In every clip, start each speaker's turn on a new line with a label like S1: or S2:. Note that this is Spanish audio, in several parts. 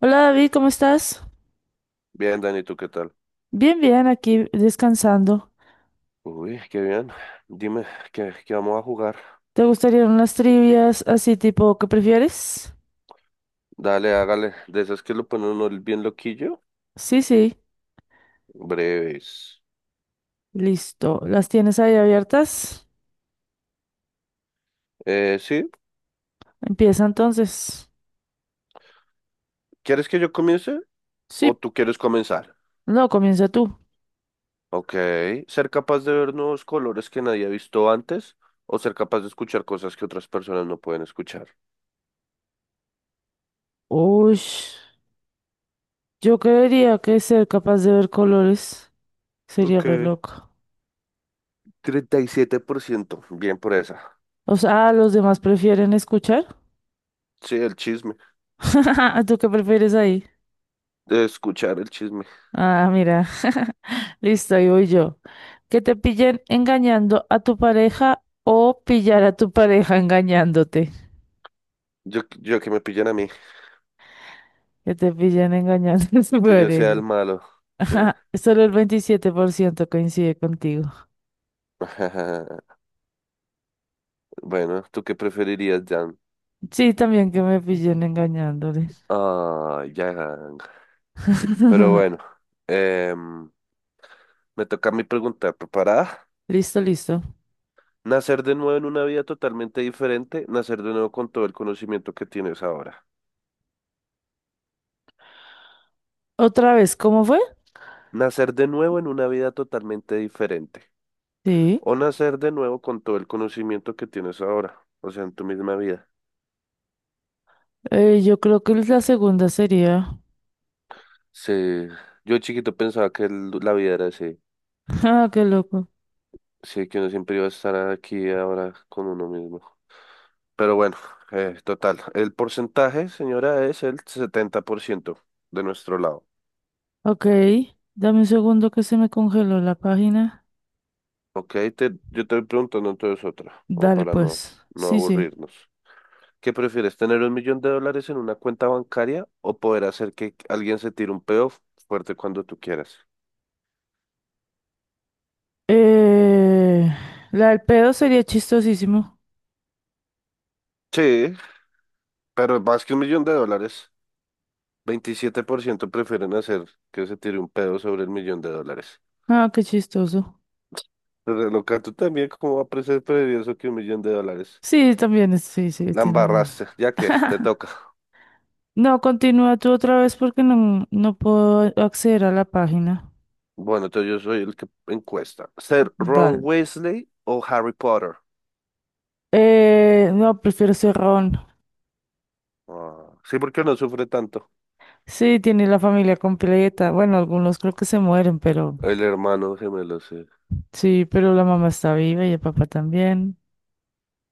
S1: Hola David, ¿cómo estás?
S2: Bien, Dani, ¿tú qué tal?
S1: Bien, bien, aquí descansando.
S2: Uy, qué bien. Dime, ¿qué vamos a jugar?
S1: ¿Te gustarían unas trivias así tipo qué prefieres?
S2: Dale, hágale. De esas que lo ponen uno bien loquillo.
S1: Sí, sí,
S2: Breves.
S1: listo. ¿Las tienes ahí abiertas?
S2: Sí.
S1: Empieza entonces.
S2: ¿Quieres que yo comience? ¿O
S1: Sí,
S2: tú quieres comenzar?
S1: no, comienza tú.
S2: Ok. ¿Ser capaz de ver nuevos colores que nadie ha visto antes? ¿O ser capaz de escuchar cosas que otras personas no pueden escuchar?
S1: Uy, yo creería que ser capaz de ver colores sería re
S2: Ok.
S1: loco.
S2: 37%. Bien por esa.
S1: O sea, ah, los demás prefieren escuchar.
S2: Sí, el chisme.
S1: ¿Tú qué prefieres ahí?
S2: De escuchar el chisme.
S1: Ah, mira. Listo, ahí voy yo. Que te pillen engañando a tu pareja o pillar a tu pareja engañándote.
S2: Yo que me pillan a mí.
S1: Que te pillen engañando a tu
S2: Que yo sea el
S1: pareja.
S2: malo. Sí.
S1: Ajá, solo el 27% coincide contigo.
S2: Bueno, ¿tú qué preferirías, Jan?
S1: Sí, también que me pillen engañándole.
S2: Ah, Jan. Pero bueno, em, me toca a mí preguntar, ¿preparada?
S1: Listo, listo.
S2: Nacer de nuevo en una vida totalmente diferente, nacer de nuevo con todo el conocimiento que tienes ahora.
S1: ¿Otra vez cómo fue?
S2: Nacer de nuevo en una vida totalmente diferente.
S1: Sí.
S2: O nacer de nuevo con todo el conocimiento que tienes ahora, o sea, en tu misma vida.
S1: Yo creo que la segunda sería.
S2: Sí, yo chiquito pensaba que la vida era así,
S1: Ah, qué loco.
S2: sí, que uno siempre iba a estar aquí ahora con uno mismo. Pero bueno, total. El porcentaje, señora, es el 70% de nuestro lado.
S1: Ok. Dame un segundo que se me congeló la página.
S2: Ok, yo te voy preguntando entonces otra, como
S1: Dale,
S2: para no,
S1: pues.
S2: no
S1: Sí, sí.
S2: aburrirnos. ¿Qué prefieres, tener 1 millón de dólares en una cuenta bancaria o poder hacer que alguien se tire un peo fuerte cuando tú quieras?
S1: Eh, la del pedo sería chistosísimo.
S2: Sí, pero más que 1 millón de dólares, 27% prefieren hacer que se tire un pedo sobre el 1 millón de dólares.
S1: Ah, qué chistoso.
S2: Pero loca, tú también, ¿cómo va a ser preferido eso que 1 millón de dólares?
S1: Sí, también, sí, sí,
S2: La
S1: tienes razón.
S2: embarraste, ya que te toca.
S1: No, continúa tú otra vez porque no puedo acceder a la página.
S2: Bueno, entonces yo soy el que encuesta. ¿Ser Ron
S1: Dale.
S2: Weasley o Harry Potter?
S1: No, prefiero Cerrón.
S2: Ah, sí, porque no sufre tanto.
S1: Sí, tiene la familia completa. Bueno, algunos creo que se mueren, pero
S2: El hermano gemelo, sí.
S1: sí, pero la mamá está viva y el papá también.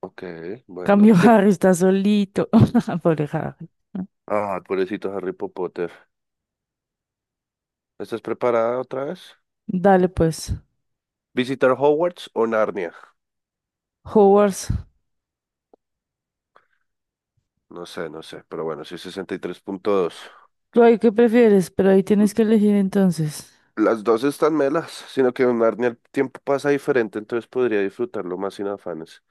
S2: Ok, bueno.
S1: Cambio.
S2: ¿Qué?
S1: Harry está solito. Pobre Harry.
S2: Ah, pobrecito Harry Potter. ¿Estás preparada otra vez?
S1: Dale pues.
S2: ¿Visitar Hogwarts o Narnia?
S1: Hogwarts.
S2: No sé, no sé, pero bueno, sí, 63.2.
S1: Ay, ¿qué prefieres? Pero ahí tienes que elegir entonces.
S2: Las dos están melas, sino que en Narnia el tiempo pasa diferente, entonces podría disfrutarlo más sin afanes.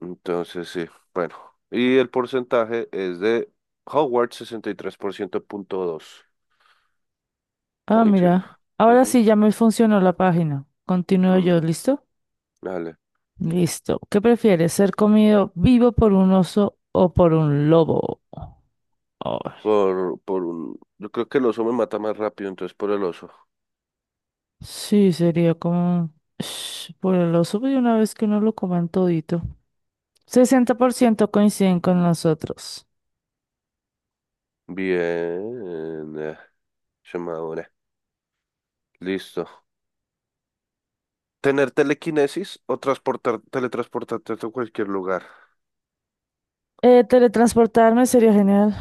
S2: Entonces, sí, bueno. Y el porcentaje es de Howard, 63.2%
S1: Ah,
S2: point.
S1: mira. Ahora
S2: Ujú.
S1: sí ya me funcionó la página. Continúo yo,
S2: Mm,
S1: ¿listo?
S2: dale.
S1: Listo. ¿Qué prefieres? ¿Ser comido vivo por un oso o por un lobo? Ay,
S2: Por un, yo creo que el oso me mata más rápido, entonces por el oso.
S1: sí, sería como... Sh, por el oso, pues, una vez que uno lo coman todito. 60% coinciden con nosotros.
S2: Bien. Llamadora. Listo. ¿Tener telequinesis o transportar, teletransportarte a cualquier lugar?
S1: Teletransportarme sería genial.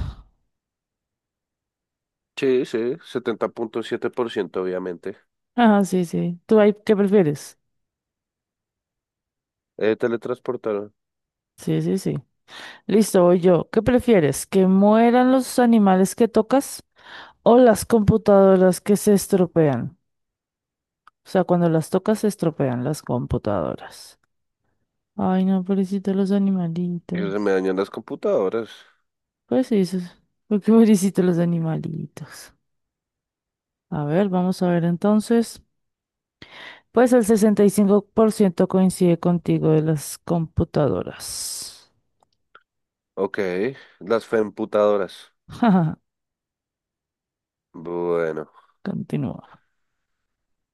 S2: Sí, sí, 70.7% obviamente.
S1: Ajá, sí, sí. ¿Tú ahí qué prefieres?
S2: Teletransportar.
S1: Sí, sí, sí. Listo, voy yo. ¿Qué prefieres? ¿Que mueran los animales que tocas o las computadoras que se estropean? O sea, cuando las tocas se estropean las computadoras. Ay, no, pobrecito los
S2: Y se
S1: animalitos.
S2: me dañan las computadoras.
S1: Pues sí, porque pobrecito los animalitos. A ver, vamos a ver entonces. Pues el 65% coincide contigo de las computadoras.
S2: Ok, las femputadoras.
S1: Jaja.
S2: Bueno,
S1: Continúa.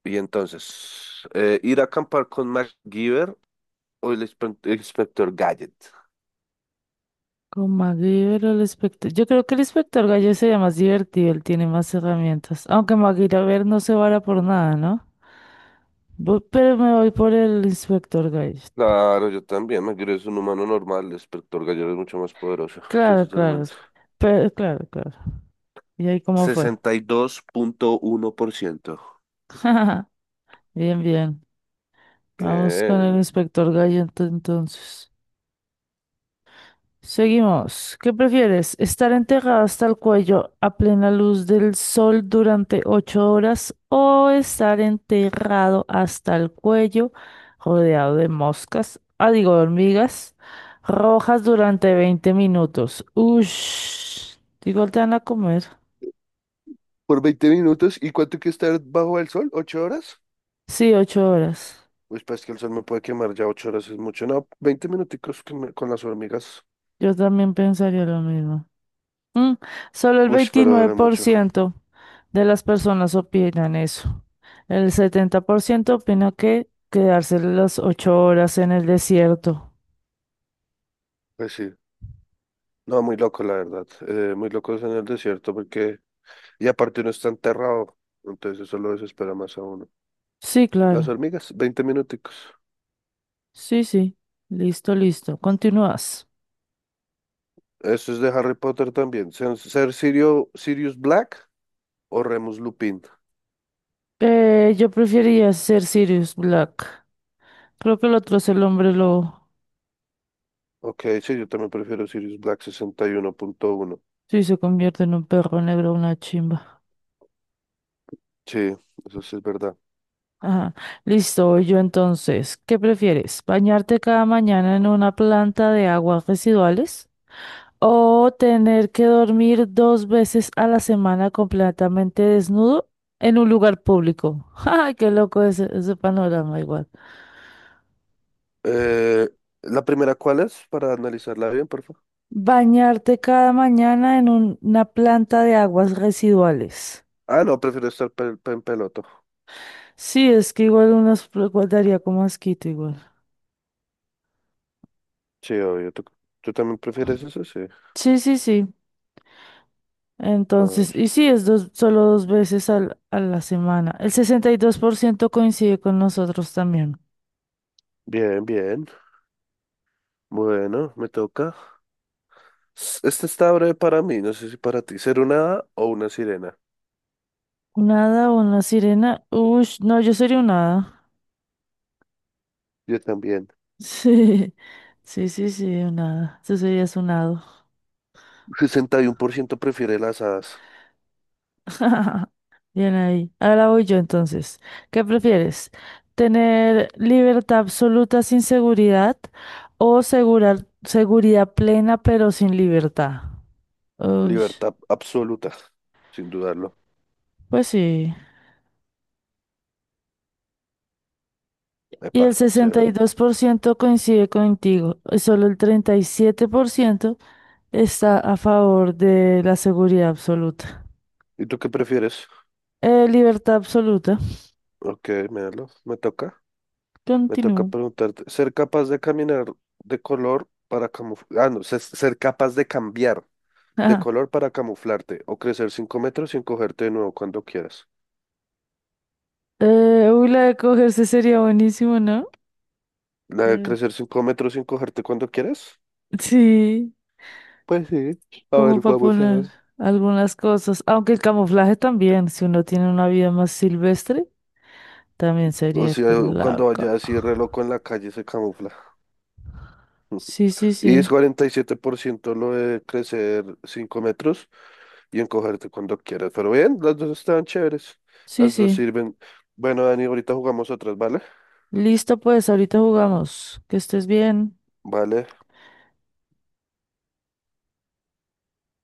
S2: y entonces, ir a acampar con MacGyver o el inspector Gadget.
S1: Con MacGyver o el inspector. Yo creo que el inspector Gallo sería más divertido, él tiene más herramientas. Aunque MacGyver no se vara por nada, ¿no? Pero me voy por el inspector Gallo.
S2: Claro, yo también. MacGyver es un humano normal, el inspector Gadget es mucho más poderoso. Sí,
S1: Claro, claro.
S2: totalmente.
S1: Pero, claro, claro. ¿Y ahí cómo fue?
S2: 62.1%.
S1: Bien, bien. Vamos con el
S2: Bien.
S1: inspector Gallo entonces. Seguimos. ¿Qué prefieres? ¿Estar enterrada hasta el cuello a plena luz del sol durante 8 horas o estar enterrado hasta el cuello rodeado de moscas, ah, digo, de hormigas rojas durante 20 minutos? Ush, igual te van a comer.
S2: Por 20 minutos, ¿y cuánto hay que estar bajo el sol? ¿8 horas?
S1: Sí, 8 horas.
S2: Pues pues que el sol me puede quemar ya 8 horas, es mucho. No, 20 minuticos que con las hormigas.
S1: Yo también pensaría lo mismo. Mm, solo el
S2: Uy, pero
S1: veintinueve
S2: duele
S1: por
S2: mucho.
S1: ciento de las personas opinan eso. El 70% opina que quedarse las 8 horas en el desierto.
S2: Pues sí. No, muy loco, la verdad. Muy locos en el desierto porque, y aparte uno está enterrado, entonces eso lo desespera más a uno.
S1: Sí,
S2: Las
S1: claro.
S2: hormigas, 20 minuticos.
S1: Sí, sí. Listo, listo. Continúas.
S2: Eso es de Harry Potter también. Sirius Black o Remus Lupin.
S1: Yo preferiría ser Sirius Black. Creo que el otro es el hombre lobo.
S2: Ok, sí, yo también prefiero Sirius Black 61.1.
S1: Sí, se convierte en un perro negro, una chimba.
S2: Sí, eso sí es verdad.
S1: Ajá. Listo, voy yo entonces. ¿Qué prefieres? ¿Bañarte cada mañana en una planta de aguas residuales? ¿O tener que dormir 2 veces a la semana completamente desnudo en un lugar público? ¡Ay, qué loco ese, ese panorama igual!
S2: Eh, ¿La primera cuál es? Para analizarla bien, por favor.
S1: Bañarte cada mañana en una planta de aguas residuales.
S2: Ah, no, prefiero estar en peloto.
S1: Sí, es que igual unos daría como asquito igual.
S2: Sí, obvio. ¿Tú también prefieres eso? Sí.
S1: Sí, sí, sí.
S2: A ver.
S1: Entonces, y sí, es solo dos veces a la semana. El 62% coincide con nosotros también.
S2: Bien, bien. Bueno, me toca. Este está breve para mí, no sé si para ti, ser una hada o una sirena.
S1: Nada, una sirena. Uy, no, yo sería un hada.
S2: Yo también.
S1: Sí, sí, sí, sí, un hada. Eso sería un hado.
S2: 61% prefiere las hadas.
S1: Bien ahí. Ahora voy yo entonces. ¿Qué prefieres? ¿Tener libertad absoluta sin seguridad o seguridad plena pero sin libertad? Ush,
S2: Libertad absoluta, sin dudarlo.
S1: pues sí. Y
S2: Epa,
S1: el sesenta y
S2: severo.
S1: dos por ciento coincide contigo. Y solo el 37% está a favor de la seguridad absoluta.
S2: ¿Y tú qué prefieres?
S1: Libertad absoluta.
S2: Ok, míralo. Me toca. Me toca
S1: Continúo.
S2: preguntarte. ¿Ser capaz de caminar de color para camuflar? Ah, no, ser capaz de cambiar de color para camuflarte o crecer 5 metros sin cogerte de nuevo cuando quieras.
S1: La de cogerse sería buenísimo, ¿no?
S2: ¿La de
S1: Mm.
S2: crecer 5 metros sin cogerte cuando quieras?
S1: Sí,
S2: Pues sí. A
S1: como
S2: ver,
S1: para
S2: vamos
S1: poner
S2: sabes.
S1: algunas cosas. Aunque el camuflaje también, si uno tiene una vida más silvestre, también
S2: O
S1: sería que
S2: sea, cuando
S1: laca.
S2: vaya así re loco en la calle se camufla.
S1: Sí, sí,
S2: Y
S1: sí.
S2: es 47% lo de crecer 5 metros y encogerte cuando quieras. Pero bien, las dos están chéveres.
S1: Sí,
S2: Las dos
S1: sí.
S2: sirven. Bueno, Dani, ahorita jugamos otras, ¿vale?
S1: Listo, pues, ahorita jugamos. Que estés bien.
S2: Vale.